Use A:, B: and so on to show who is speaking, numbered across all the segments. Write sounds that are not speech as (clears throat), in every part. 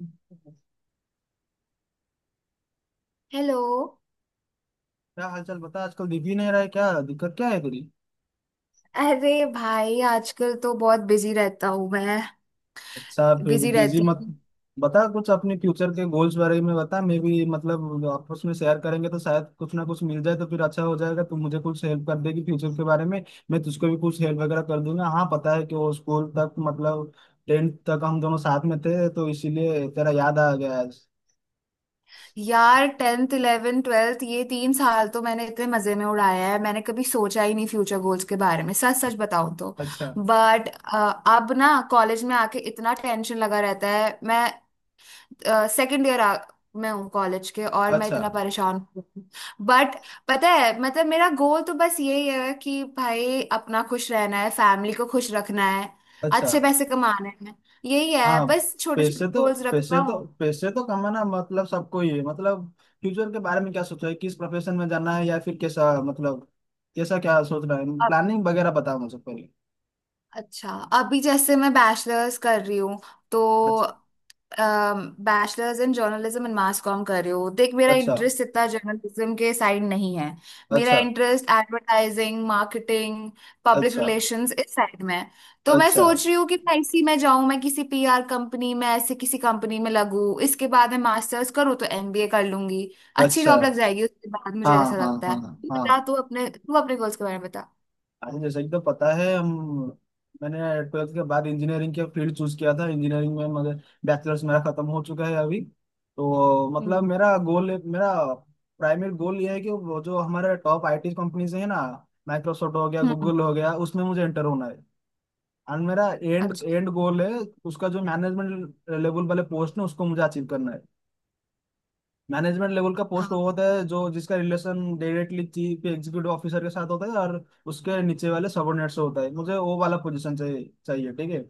A: क्या
B: हेलो।
A: हालचाल बता। आजकल दिख ही नहीं रहा है, क्या दिक्कत क्या है तेरी।
B: अरे भाई आजकल तो बहुत बिजी रहता हूँ मैं
A: अच्छा, फिर
B: बिजी
A: बिजी
B: रहती
A: मत,
B: हूँ
A: बता कुछ अपने फ्यूचर के गोल्स बारे में बता। मैं भी मतलब आपस में शेयर करेंगे तो शायद कुछ ना कुछ मिल जाए तो फिर अच्छा हो जाएगा। तू मुझे कुछ हेल्प कर देगी फ्यूचर के बारे में, मैं तुझको भी कुछ हेल्प वगैरह कर दूंगा। हाँ, पता है कि वो स्कूल तक मतलब 10th तक हम दोनों साथ में थे, तो इसीलिए तेरा याद आ गया आज।
B: यार टेंथ इलेवेंथ ट्वेल्थ ये तीन साल तो मैंने इतने मजे में उड़ाया है। मैंने कभी सोचा ही नहीं फ्यूचर गोल्स के बारे में, सच सच बताऊँ तो।
A: अच्छा।
B: बट अब ना कॉलेज में आके इतना टेंशन लगा रहता है। मैं सेकंड ईयर में हूँ कॉलेज के और मैं
A: अच्छा।
B: इतना परेशान हूँ। बट पता है, मतलब मेरा गोल तो बस यही है कि भाई अपना खुश रहना है, फैमिली को खुश रखना है,
A: अच्छा।
B: अच्छे पैसे कमाने हैं। यही है,
A: हाँ।
B: बस छोटे छोटे
A: पैसे तो
B: गोल्स
A: पैसे
B: रखता
A: तो
B: हूँ।
A: पैसे तो कमाना मतलब सबको ही है। मतलब फ्यूचर के बारे में क्या सोचा है, किस प्रोफेशन में जाना है या फिर कैसा, मतलब कैसा क्या सोच रहा है,
B: अब-
A: प्लानिंग वगैरह बताओ मुझे पहले।
B: अच्छा, अभी जैसे मैं बैचलर्स कर रही हूँ तो
A: अच्छा।
B: Bachelors in journalism and mass com कर रही हूँ। देख, मेरा
A: अच्छा।
B: इंटरेस्ट इतना जर्नलिज्म के साइड नहीं है। मेरा
A: अच्छा।
B: इंटरेस्ट एडवर्टाइजिंग, मार्केटिंग, पब्लिक
A: अच्छा।
B: रिलेशंस इस साइड में है। तो मैं
A: अच्छा।
B: सोच रही हूँ कि मैं इसी में जाऊँ, मैं किसी पीआर कंपनी में, ऐसे किसी कंपनी में लगूँ। इसके बाद मैं मास्टर्स करूँ तो एमबीए कर लूंगी, अच्छी
A: अच्छा।
B: जॉब लग जाएगी उसके बाद,
A: हाँ,
B: मुझे ऐसा
A: हाँ,
B: लगता है।
A: हाँ।
B: तू बता,
A: हाँ,
B: तू अपने गोल्स के बारे में बता।
A: हाँ, जैसे कि तो पता है हम, मैंने 12th के बाद इंजीनियरिंग के फील्ड चूज किया था, इंजीनियरिंग में। मगर बैचलर्स मेरा खत्म हो चुका है अभी, तो मतलब
B: हम्म।
A: मेरा गोल, मेरा प्राइमरी गोल ये है कि वो जो हमारे टॉप आईटी कंपनीज है ना, माइक्रोसॉफ्ट हो गया,
B: हम्म।
A: गूगल हो गया, उसमें मुझे एंटर होना है। और मेरा एंड
B: अच्छा।
A: एंड गोल है उसका, जो मैनेजमेंट लेवल वाले पोस्ट है उसको मुझे अचीव करना है। मैनेजमेंट लेवल का पोस्ट
B: हाँ।
A: वो होता है जो जिसका relation directly chief executive officer के साथ होता है और उसके नीचे वाले सबॉर्डिनेट से होता है। मुझे वो वाला पोजीशन चाहिए चाहिए। ठीक है,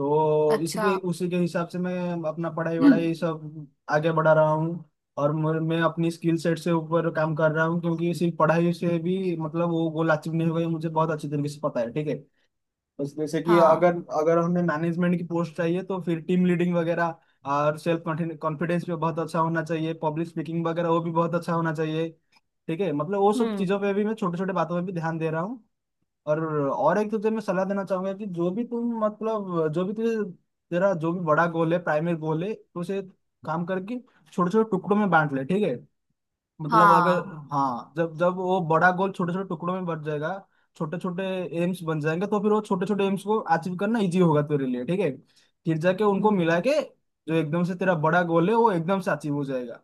A: तो इसी
B: अच्छा।
A: के
B: (clears throat)
A: उसी के हिसाब से मैं अपना पढ़ाई
B: हम्म।
A: वढ़ाई सब आगे बढ़ा रहा हूँ। और मैं अपनी स्किल सेट से ऊपर काम कर रहा हूँ, क्योंकि सिर्फ पढ़ाई से भी मतलब वो गोल अचीव नहीं होगा, ये मुझे बहुत अच्छी तरीके से पता है। ठीक है, बस जैसे कि अगर
B: हाँ।
A: अगर हमें मैनेजमेंट की पोस्ट चाहिए तो फिर टीम लीडिंग वगैरह और सेल्फ कॉन्फिडेंस पे बहुत अच्छा होना चाहिए, पब्लिक स्पीकिंग वगैरह वो भी बहुत अच्छा होना चाहिए। ठीक है, मतलब वो सब
B: हम्म।
A: चीज़ों पे भी, मैं छोटे छोटे बातों पे भी ध्यान दे रहा हूँ। और और एक तुझे मैं सलाह देना चाहूंगा कि जो भी तुम मतलब जो भी तुझे, तेरा जो भी बड़ा गोल है, प्राइमरी गोल है, तो उसे काम करके छोटे छोटे टुकड़ों में बांट ले। ठीक है, मतलब अगर,
B: हाँ।
A: हाँ, जब जब वो बड़ा गोल छोटे छोटे टुकड़ों में बट जाएगा, छोटे छोटे एम्स बन जाएंगे, तो फिर वो छोटे छोटे एम्स को अचीव करना इजी होगा तेरे लिए। ठीक है, फिर जाके उनको
B: हम्म।
A: मिला के जो एकदम से तेरा बड़ा गोल है वो एकदम से अचीव हो जाएगा,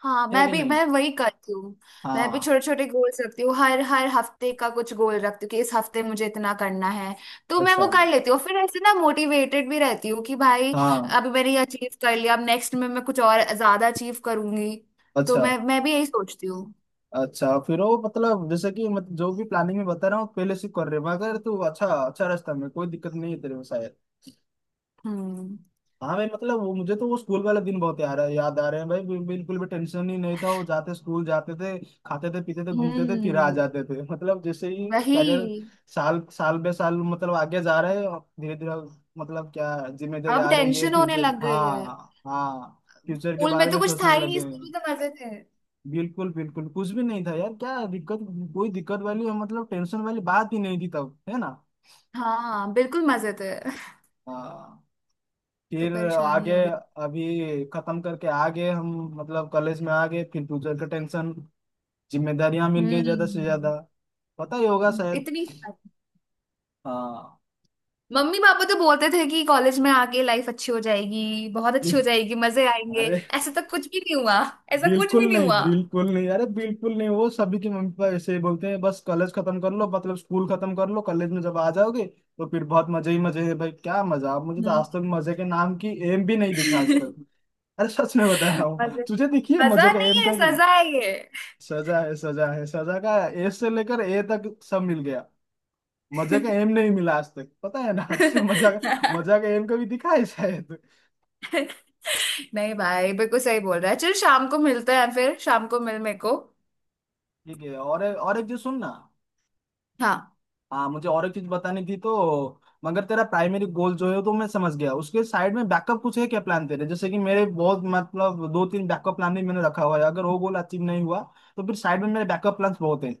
B: हाँ,
A: है कि नहीं।
B: मैं वही करती हूँ। मैं भी
A: हाँ।
B: छोटे छोटे गोल्स रखती हूँ, हर हर हफ्ते का कुछ गोल रखती हूँ कि इस हफ्ते मुझे इतना करना है तो मैं
A: अच्छा।
B: वो कर लेती हूँ। फिर ऐसे ना मोटिवेटेड भी रहती हूँ कि भाई
A: हाँ।
B: अभी मैंने ये अचीव कर लिया, अब नेक्स्ट में मैं कुछ और ज्यादा अचीव करूंगी। तो
A: अच्छा।
B: मैं भी यही सोचती हूँ।
A: अच्छा फिर वो मतलब, जैसे कि मत, जो भी प्लानिंग में बता रहा हूँ पहले से कर रहे, मगर तू अच्छा, अच्छा रास्ता में कोई दिक्कत नहीं है तेरे को शायद।
B: हम्म।
A: हाँ भाई, मतलब वो मुझे तो वो स्कूल वाला दिन बहुत याद याद आ रहे हैं भाई, बिल्कुल भी टेंशन ही नहीं था वो। जाते स्कूल जाते थे, खाते थे, पीते थे, घूमते थे, फिर आ
B: हम्म।
A: जाते थे। (laughs) मतलब जैसे ही कैरियर,
B: वही,
A: साल साल बे साल मतलब आगे जा रहे हैं, धीरे धीरे मतलब क्या जिम्मेदारी
B: अब
A: आ रही है,
B: टेंशन होने
A: फ्यूचर,
B: लग गई है।
A: हाँ हाँ फ्यूचर के
B: स्कूल में
A: बारे
B: तो
A: में
B: कुछ था
A: सोचने
B: ही
A: लगे
B: नहीं, स्कूल
A: हैं।
B: में तो मजे थे।
A: बिल्कुल बिल्कुल, कुछ भी नहीं था यार, क्या दिक्कत, कोई दिक्कत वाली मतलब टेंशन वाली बात ही नहीं थी तब, है ना।
B: हाँ बिल्कुल मजे थे।
A: हाँ,
B: तो
A: फिर
B: परेशानी
A: आगे
B: हो रही
A: अभी खत्म करके आगे हम, मतलब कॉलेज में आ गए फिर फ्यूचर का टेंशन, जिम्मेदारियां
B: है।
A: मिल गई ज्यादा से
B: हम्म।
A: ज्यादा, पता ही होगा शायद।
B: इतनी सारी।
A: हाँ।
B: मम्मी पापा तो बोलते थे कि कॉलेज में आके लाइफ अच्छी हो जाएगी, बहुत अच्छी हो जाएगी, मजे आएंगे।
A: अरे
B: ऐसा तो कुछ भी नहीं हुआ, ऐसा कुछ भी
A: बिल्कुल
B: नहीं
A: नहीं,
B: हुआ।
A: बिल्कुल नहीं, अरे बिल्कुल नहीं, वो सभी के मम्मी पापा ऐसे ही बोलते हैं, बस कॉलेज खत्म कर लो मतलब स्कूल खत्म कर लो, कॉलेज में जब आ जाओगे तो फिर बहुत मजे ही मजे है भाई, क्या मजा, मुझे तो
B: हम्म।
A: आज तक मजे के नाम की एम भी नहीं दिखा आज तक।
B: (laughs)
A: अरे सच में बता रहा हूँ
B: मजे,
A: तुझे, दिखी है मजे
B: मजा
A: का
B: नहीं
A: एम
B: है
A: कभी।
B: सजा है ये।
A: सजा है, सजा है, सजा का ए से लेकर ए तक सब मिल गया, मजा का एम नहीं मिला आज तक, पता है ना। (laughs) तुझे मजा का,
B: (laughs)
A: मजा का एम कभी दिखा है शायद।
B: नहीं भाई, बिल्कुल सही बोल रहा है। चल शाम को मिलते हैं, फिर शाम को मिल मेरे को।
A: ठीक है, और एक चीज सुन ना।
B: हाँ,
A: हाँ, मुझे और एक चीज बतानी थी तो, मगर तेरा प्राइमरी गोल जो है तो मैं समझ गया, उसके साइड में बैकअप कुछ है क्या प्लान तेरे, जैसे कि मेरे बहुत मतलब दो तीन बैकअप प्लान भी मैंने रखा हुआ है। अगर वो गोल अचीव नहीं हुआ तो फिर साइड में मेरे बैकअप प्लान बहुत हैं,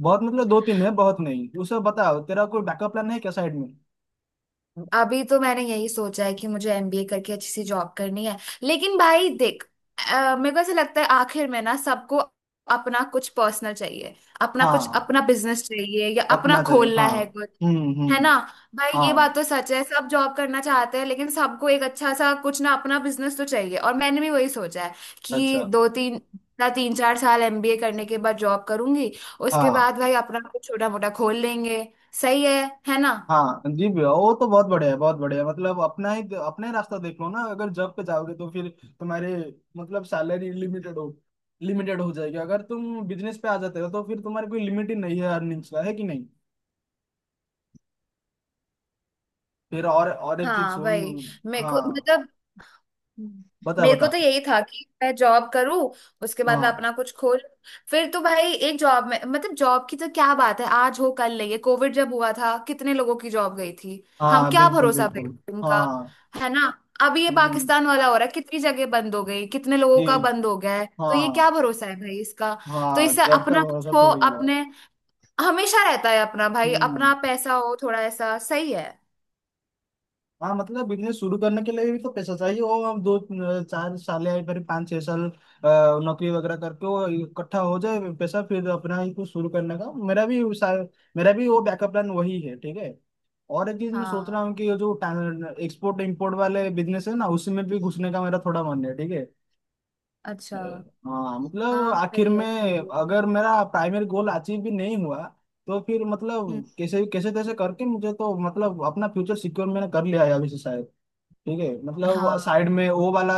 A: बहुत मतलब दो तीन है, बहुत नहीं, उसे बताओ तेरा कोई बैकअप प्लान है क्या साइड में।
B: अभी तो मैंने यही सोचा है कि मुझे एमबीए करके अच्छी सी जॉब करनी है। लेकिन भाई देख, मेरे को ऐसा लगता है आखिर में ना सबको अपना कुछ पर्सनल चाहिए,
A: हाँ,
B: अपना बिजनेस चाहिए या अपना
A: अपना चाहिए।
B: खोलना
A: हाँ।
B: है कुछ।
A: हम्म,
B: है
A: हम्म।
B: ना भाई, ये बात
A: हाँ।
B: तो सच है, सब जॉब करना चाहते हैं लेकिन सबको एक अच्छा सा कुछ ना, अपना बिजनेस तो चाहिए। और मैंने भी वही सोचा है कि
A: अच्छा।
B: दो तीन ना, तीन चार साल एमबीए करने के बाद जॉब करूंगी, उसके
A: हाँ।
B: बाद भाई अपना कुछ छोटा मोटा खोल लेंगे। सही है ना?
A: हाँ जी भैया, वो तो बहुत बढ़िया है, बहुत बढ़िया है। मतलब अपना ही रास्ता देख लो ना, अगर जॉब पे जाओगे तो फिर तुम्हारे मतलब सैलरी लिमिटेड हो जाएगी। अगर तुम बिजनेस पे आ जाते हो तो फिर तुम्हारी कोई लिमिट ही नहीं है अर्निंग्स का, है कि नहीं। फिर और एक चीज
B: हाँ
A: सुन।
B: वही, मेरे को
A: हाँ,
B: मतलब
A: बता
B: मेरे को
A: बता।
B: तो यही था कि मैं जॉब करूँ, उसके बाद मैं
A: हाँ।
B: अपना कुछ खोल। फिर तो भाई एक जॉब में, मतलब जॉब की तो क्या बात है, आज हो कल नहीं। ये कोविड जब हुआ था कितने लोगों की जॉब गई थी, हम
A: हाँ
B: क्या
A: बिल्कुल
B: भरोसा
A: बिल्कुल।
B: भाई उनका,
A: हाँ।
B: है ना? अभी ये
A: हम्म।
B: पाकिस्तान वाला हो रहा है, कितनी जगह बंद हो गई, कितने लोगों
A: जी।
B: का बंद हो गया है, तो ये
A: हाँ।
B: क्या भरोसा है भाई इसका। तो
A: हाँ,
B: इससे
A: जॉब का
B: अपना कुछ
A: भरोसा
B: हो,
A: थोड़ी है।
B: अपने हमेशा रहता है अपना, भाई
A: हम्म।
B: अपना पैसा हो थोड़ा ऐसा, सही है।
A: हाँ, मतलब बिजनेस शुरू करने के लिए भी तो पैसा चाहिए, वो हम दो चार साल या फिर पाँच छह साल नौकरी वगैरह करके वो इकट्ठा हो जाए पैसा, फिर अपना ही कुछ शुरू करने का, मेरा भी वो बैकअप प्लान वही है। ठीक है, और एक चीज मैं सोच रहा
B: हाँ।
A: हूँ कि ये जो एक्सपोर्ट इम्पोर्ट वाले बिजनेस है ना उसमें भी घुसने का मेरा थोड़ा मन है। ठीक है, अ,
B: अच्छा।
A: हाँ मतलब
B: हाँ
A: आखिर
B: सही
A: में
B: है सही है।
A: अगर मेरा प्राइमरी गोल अचीव भी नहीं हुआ, तो फिर
B: हम्म।
A: मतलब कैसे कैसे तैसे करके मुझे तो मतलब अपना फ्यूचर सिक्योर मैंने कर लिया है अभी से शायद। ठीक है, मतलब
B: हाँ।
A: साइड में वो वाला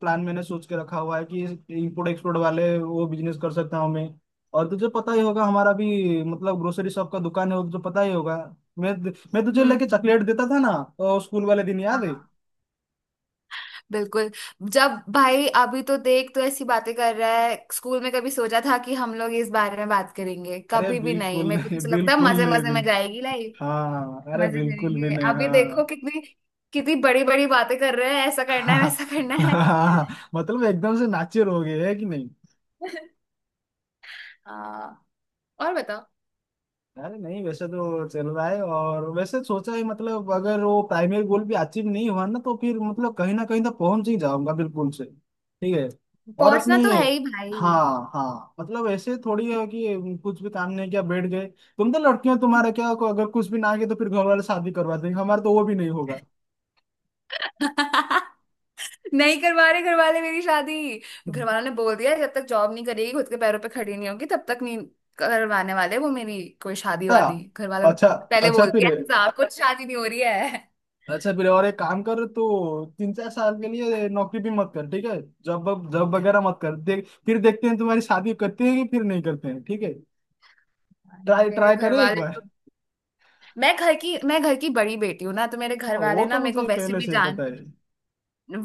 A: प्लान मैंने सोच के रखा हुआ है कि इंपोर्ट एक्सपोर्ट वाले वो बिजनेस कर सकता हूँ मैं। और तुझे पता ही होगा, हमारा भी मतलब ग्रोसरी शॉप का दुकान है, वो तुझे पता ही होगा, मैं तुझे
B: हम्म।
A: लेके
B: हम्म।
A: चॉकलेट देता था ना, तो स्कूल वाले दिन याद है।
B: हाँ बिल्कुल, जब भाई अभी तो देख तो ऐसी बातें कर रहा है, स्कूल में कभी सोचा था कि हम लोग इस बारे में बात करेंगे?
A: अरे
B: कभी भी नहीं,
A: बिल्कुल
B: मेरे को
A: नहीं,
B: तो लगता है
A: बिल्कुल
B: मजे
A: नहीं,
B: मजे
A: बिल
B: में जाएगी लाइफ,
A: हाँ अरे
B: मजे
A: बिल्कुल भी
B: करेंगे।
A: नहीं,
B: अभी देखो
A: हाँ।
B: कितनी कितनी बड़ी बड़ी बातें कर रहे हैं, ऐसा
A: (laughs)
B: करना है
A: हाँ,
B: वैसा करना है।
A: हाँ, हाँ, मतलब एकदम से नाचे रहोगे है कि।
B: (laughs) हाँ, और बताओ।
A: अरे नहीं, वैसे तो चल रहा है और वैसे सोचा है, मतलब अगर वो प्राइमरी गोल भी अचीव नहीं हुआ ना, तो फिर मतलब कहीं ना कहीं तो पहुंच ही जाऊंगा बिल्कुल से। ठीक है, और
B: पहुंचना
A: अपने,
B: तो है ही भाई।
A: हाँ हाँ, मतलब ऐसे थोड़ी है कि कुछ भी काम नहीं किया बैठ गए। तुम तो लड़कियां, तुम्हारा क्या, अगर कुछ भी ना किया तो फिर घर वाले शादी करवा देंगे, हमारा तो वो भी नहीं होगा।
B: (laughs) नहीं करवा रहे घर वाले मेरी शादी, घर वालों ने बोल दिया है, जब तक जॉब नहीं करेगी, खुद के पैरों पे खड़ी नहीं होगी, तब तक नहीं करवाने वाले वो मेरी कोई शादी वादी।
A: अच्छा।
B: घर वालों ने
A: अच्छा।
B: पहले
A: अच्छा
B: बोल
A: फिर,
B: दिया है, साहब कुछ शादी नहीं हो रही है।
A: अच्छा फिर और एक काम कर, तो तीन चार साल के लिए नौकरी भी मत कर, ठीक है, जॉब जॉब वगैरह मत कर, देख फिर देखते हैं तुम्हारी शादी करते हैं कि फिर नहीं करते हैं। ठीक है, ट्राई
B: मेरे
A: ट्राई
B: घर
A: करें एक
B: वाले तो,
A: बार।
B: मैं घर की बड़ी बेटी हूँ ना, तो मेरे घर
A: हाँ, वो
B: वाले
A: तो
B: ना मेरे को
A: मुझे
B: वैसे
A: पहले
B: भी
A: से ही
B: जान,
A: पता है।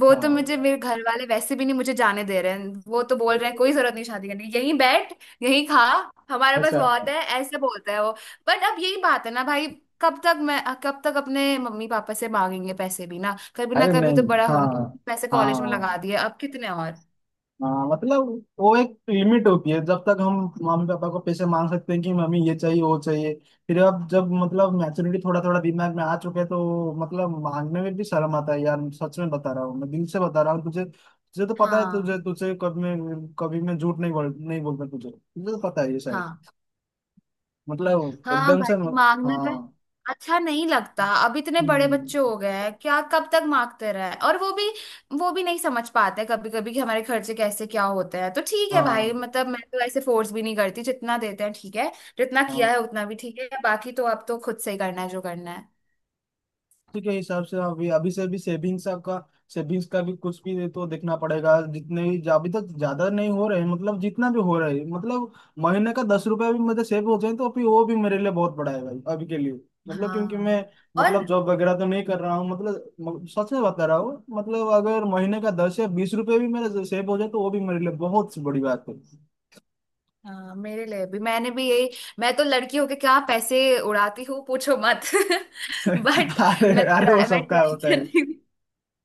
B: वो तो मुझे,
A: हाँ।
B: मेरे घर वाले वैसे भी नहीं मुझे जाने दे रहे हैं। वो तो बोल रहे हैं कोई जरूरत नहीं शादी करने की, यहीं बैठ, यहीं खा, हमारे पास
A: अच्छा।
B: बहुत है, ऐसे बोलता है वो। बट अब यही बात है ना भाई, कब तक अपने मम्मी पापा से मांगेंगे पैसे भी ना, कभी ना
A: अरे
B: कभी तो
A: नहीं,
B: बड़ा
A: हाँ,
B: होने। पैसे कॉलेज में
A: हाँ,
B: लगा दिए, अब कितने और।
A: हाँ, मतलब वो एक लिमिट होती है जब तक हम मम्मी पापा को पैसे मांग सकते हैं कि मम्मी ये चाहिए, वो चाहिए। फिर अब जब मतलब मैच्योरिटी थोड़ा थोड़ा दिमाग में आ चुके हैं तो मतलब मांगने में भी शर्म आता है यार, सच में बता रहा हूँ मैं, दिल से बता रहा हूँ तुझे, तुझे तो पता है,
B: हाँ।
A: तुझे तुझे कभी मैं झूठ नहीं बोलता, तुझे तुझे तो पता है ये शायद।
B: हाँ,
A: मतलब
B: हाँ
A: एकदम से,
B: भाई, मांगने पे
A: हाँ।
B: अच्छा नहीं लगता, अब इतने बड़े बच्चे
A: हम्म।
B: हो गए हैं क्या, कब तक मांगते रहे। और वो भी, वो भी नहीं समझ पाते कभी कभी कि हमारे खर्चे कैसे क्या होते हैं। तो ठीक है भाई,
A: हाँ।
B: मतलब मैं तो ऐसे फोर्स भी नहीं करती, जितना देते हैं ठीक है, जितना
A: हाँ,
B: किया है उतना भी ठीक है, बाकी तो अब तो खुद से ही करना है जो करना है।
A: उसी के हिसाब से अभी, अभी से भी सेविंग्स का भी कुछ भी तो देखना पड़ेगा, जितने भी अभी तक ज्यादा नहीं हो रहे हैं, मतलब जितना भी हो रहा है। मतलब महीने का 10 रुपया भी मेरे सेव हो जाए तो फिर वो भी मेरे लिए बहुत बड़ा है भाई अभी के लिए। मतलब क्योंकि
B: हाँ
A: मैं
B: और।
A: मतलब जॉब वगैरह तो नहीं कर रहा हूँ, मतलब सच में बता रहा हूँ, मतलब अगर महीने का 10 या 20 रुपये भी मेरे सेव हो जाए तो वो भी मेरे लिए बहुत बड़ी बात है।
B: हाँ, मेरे लिए भी, मैंने भी यही। मैं तो लड़की होके क्या पैसे उड़ाती हूँ, पूछो मत। (laughs) बट,
A: (laughs) अरे अरे, वो
B: मैं
A: सबका
B: ट्राई
A: होता है।
B: करती,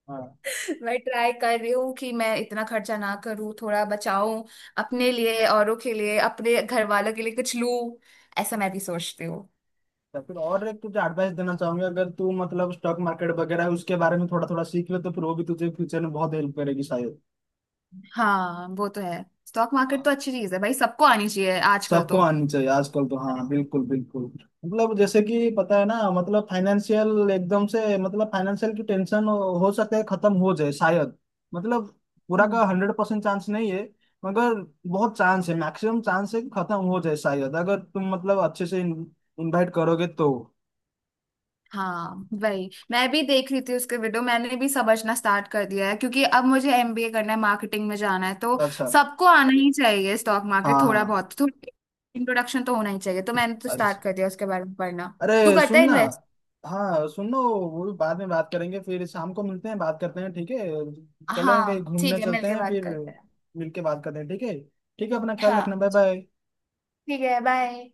A: हाँ,
B: मैं ट्राई कर रही हूँ कि मैं इतना खर्चा ना करूँ, थोड़ा बचाऊं अपने लिए, औरों के लिए, अपने घर वालों के लिए कुछ लूं, ऐसा मैं भी सोचती हूँ।
A: या फिर और एक तुझे एडवाइस देना चाहूंगा, अगर तू मतलब स्टॉक मार्केट वगैरह है, उसके बारे में थोड़ा थोड़ा सीख ले तो फिर वो भी तुझे फ्यूचर में बहुत हेल्प करेगी शायद।
B: हाँ वो तो है, स्टॉक मार्केट तो अच्छी चीज है भाई, सबको आनी चाहिए आजकल
A: सबको
B: तो।
A: आनी चाहिए आजकल तो, हाँ बिल्कुल बिल्कुल। मतलब जैसे कि पता है ना, मतलब फाइनेंशियल एकदम से मतलब फाइनेंशियल की टेंशन हो सकता है खत्म हो जाए शायद। मतलब पूरा
B: हम्म।
A: का 100% चांस नहीं है, मगर बहुत चांस है, मैक्सिमम चांस है कि खत्म हो जाए शायद अगर तुम मतलब अच्छे से इन्वाइट करोगे तो।
B: हाँ वही, मैं भी देख रही थी उसके वीडियो, मैंने भी समझना स्टार्ट कर दिया है क्योंकि अब मुझे एमबीए करना है, मार्केटिंग में जाना है तो
A: अच्छा।
B: सबको आना ही चाहिए स्टॉक मार्केट,
A: हाँ
B: थोड़ा
A: हाँ।
B: बहुत, थोड़ा इंट्रोडक्शन तो होना ही चाहिए। तो मैंने तो
A: अच्छा।
B: स्टार्ट कर दिया उसके बारे में पढ़ना। तू
A: अरे
B: करता है?
A: सुनना, हाँ सुन लो, वो भी बाद में बात करेंगे, फिर शाम को मिलते हैं बात करते हैं। ठीक है, चलें कहीं
B: हाँ
A: घूमने
B: ठीक है,
A: चलते
B: मिलके
A: हैं,
B: बात
A: फिर
B: करते हैं।
A: मिलके बात करते हैं। ठीक है, ठीक है अपना ख्याल रखना,
B: हाँ
A: बाय बाय।
B: ठीक है, बाय।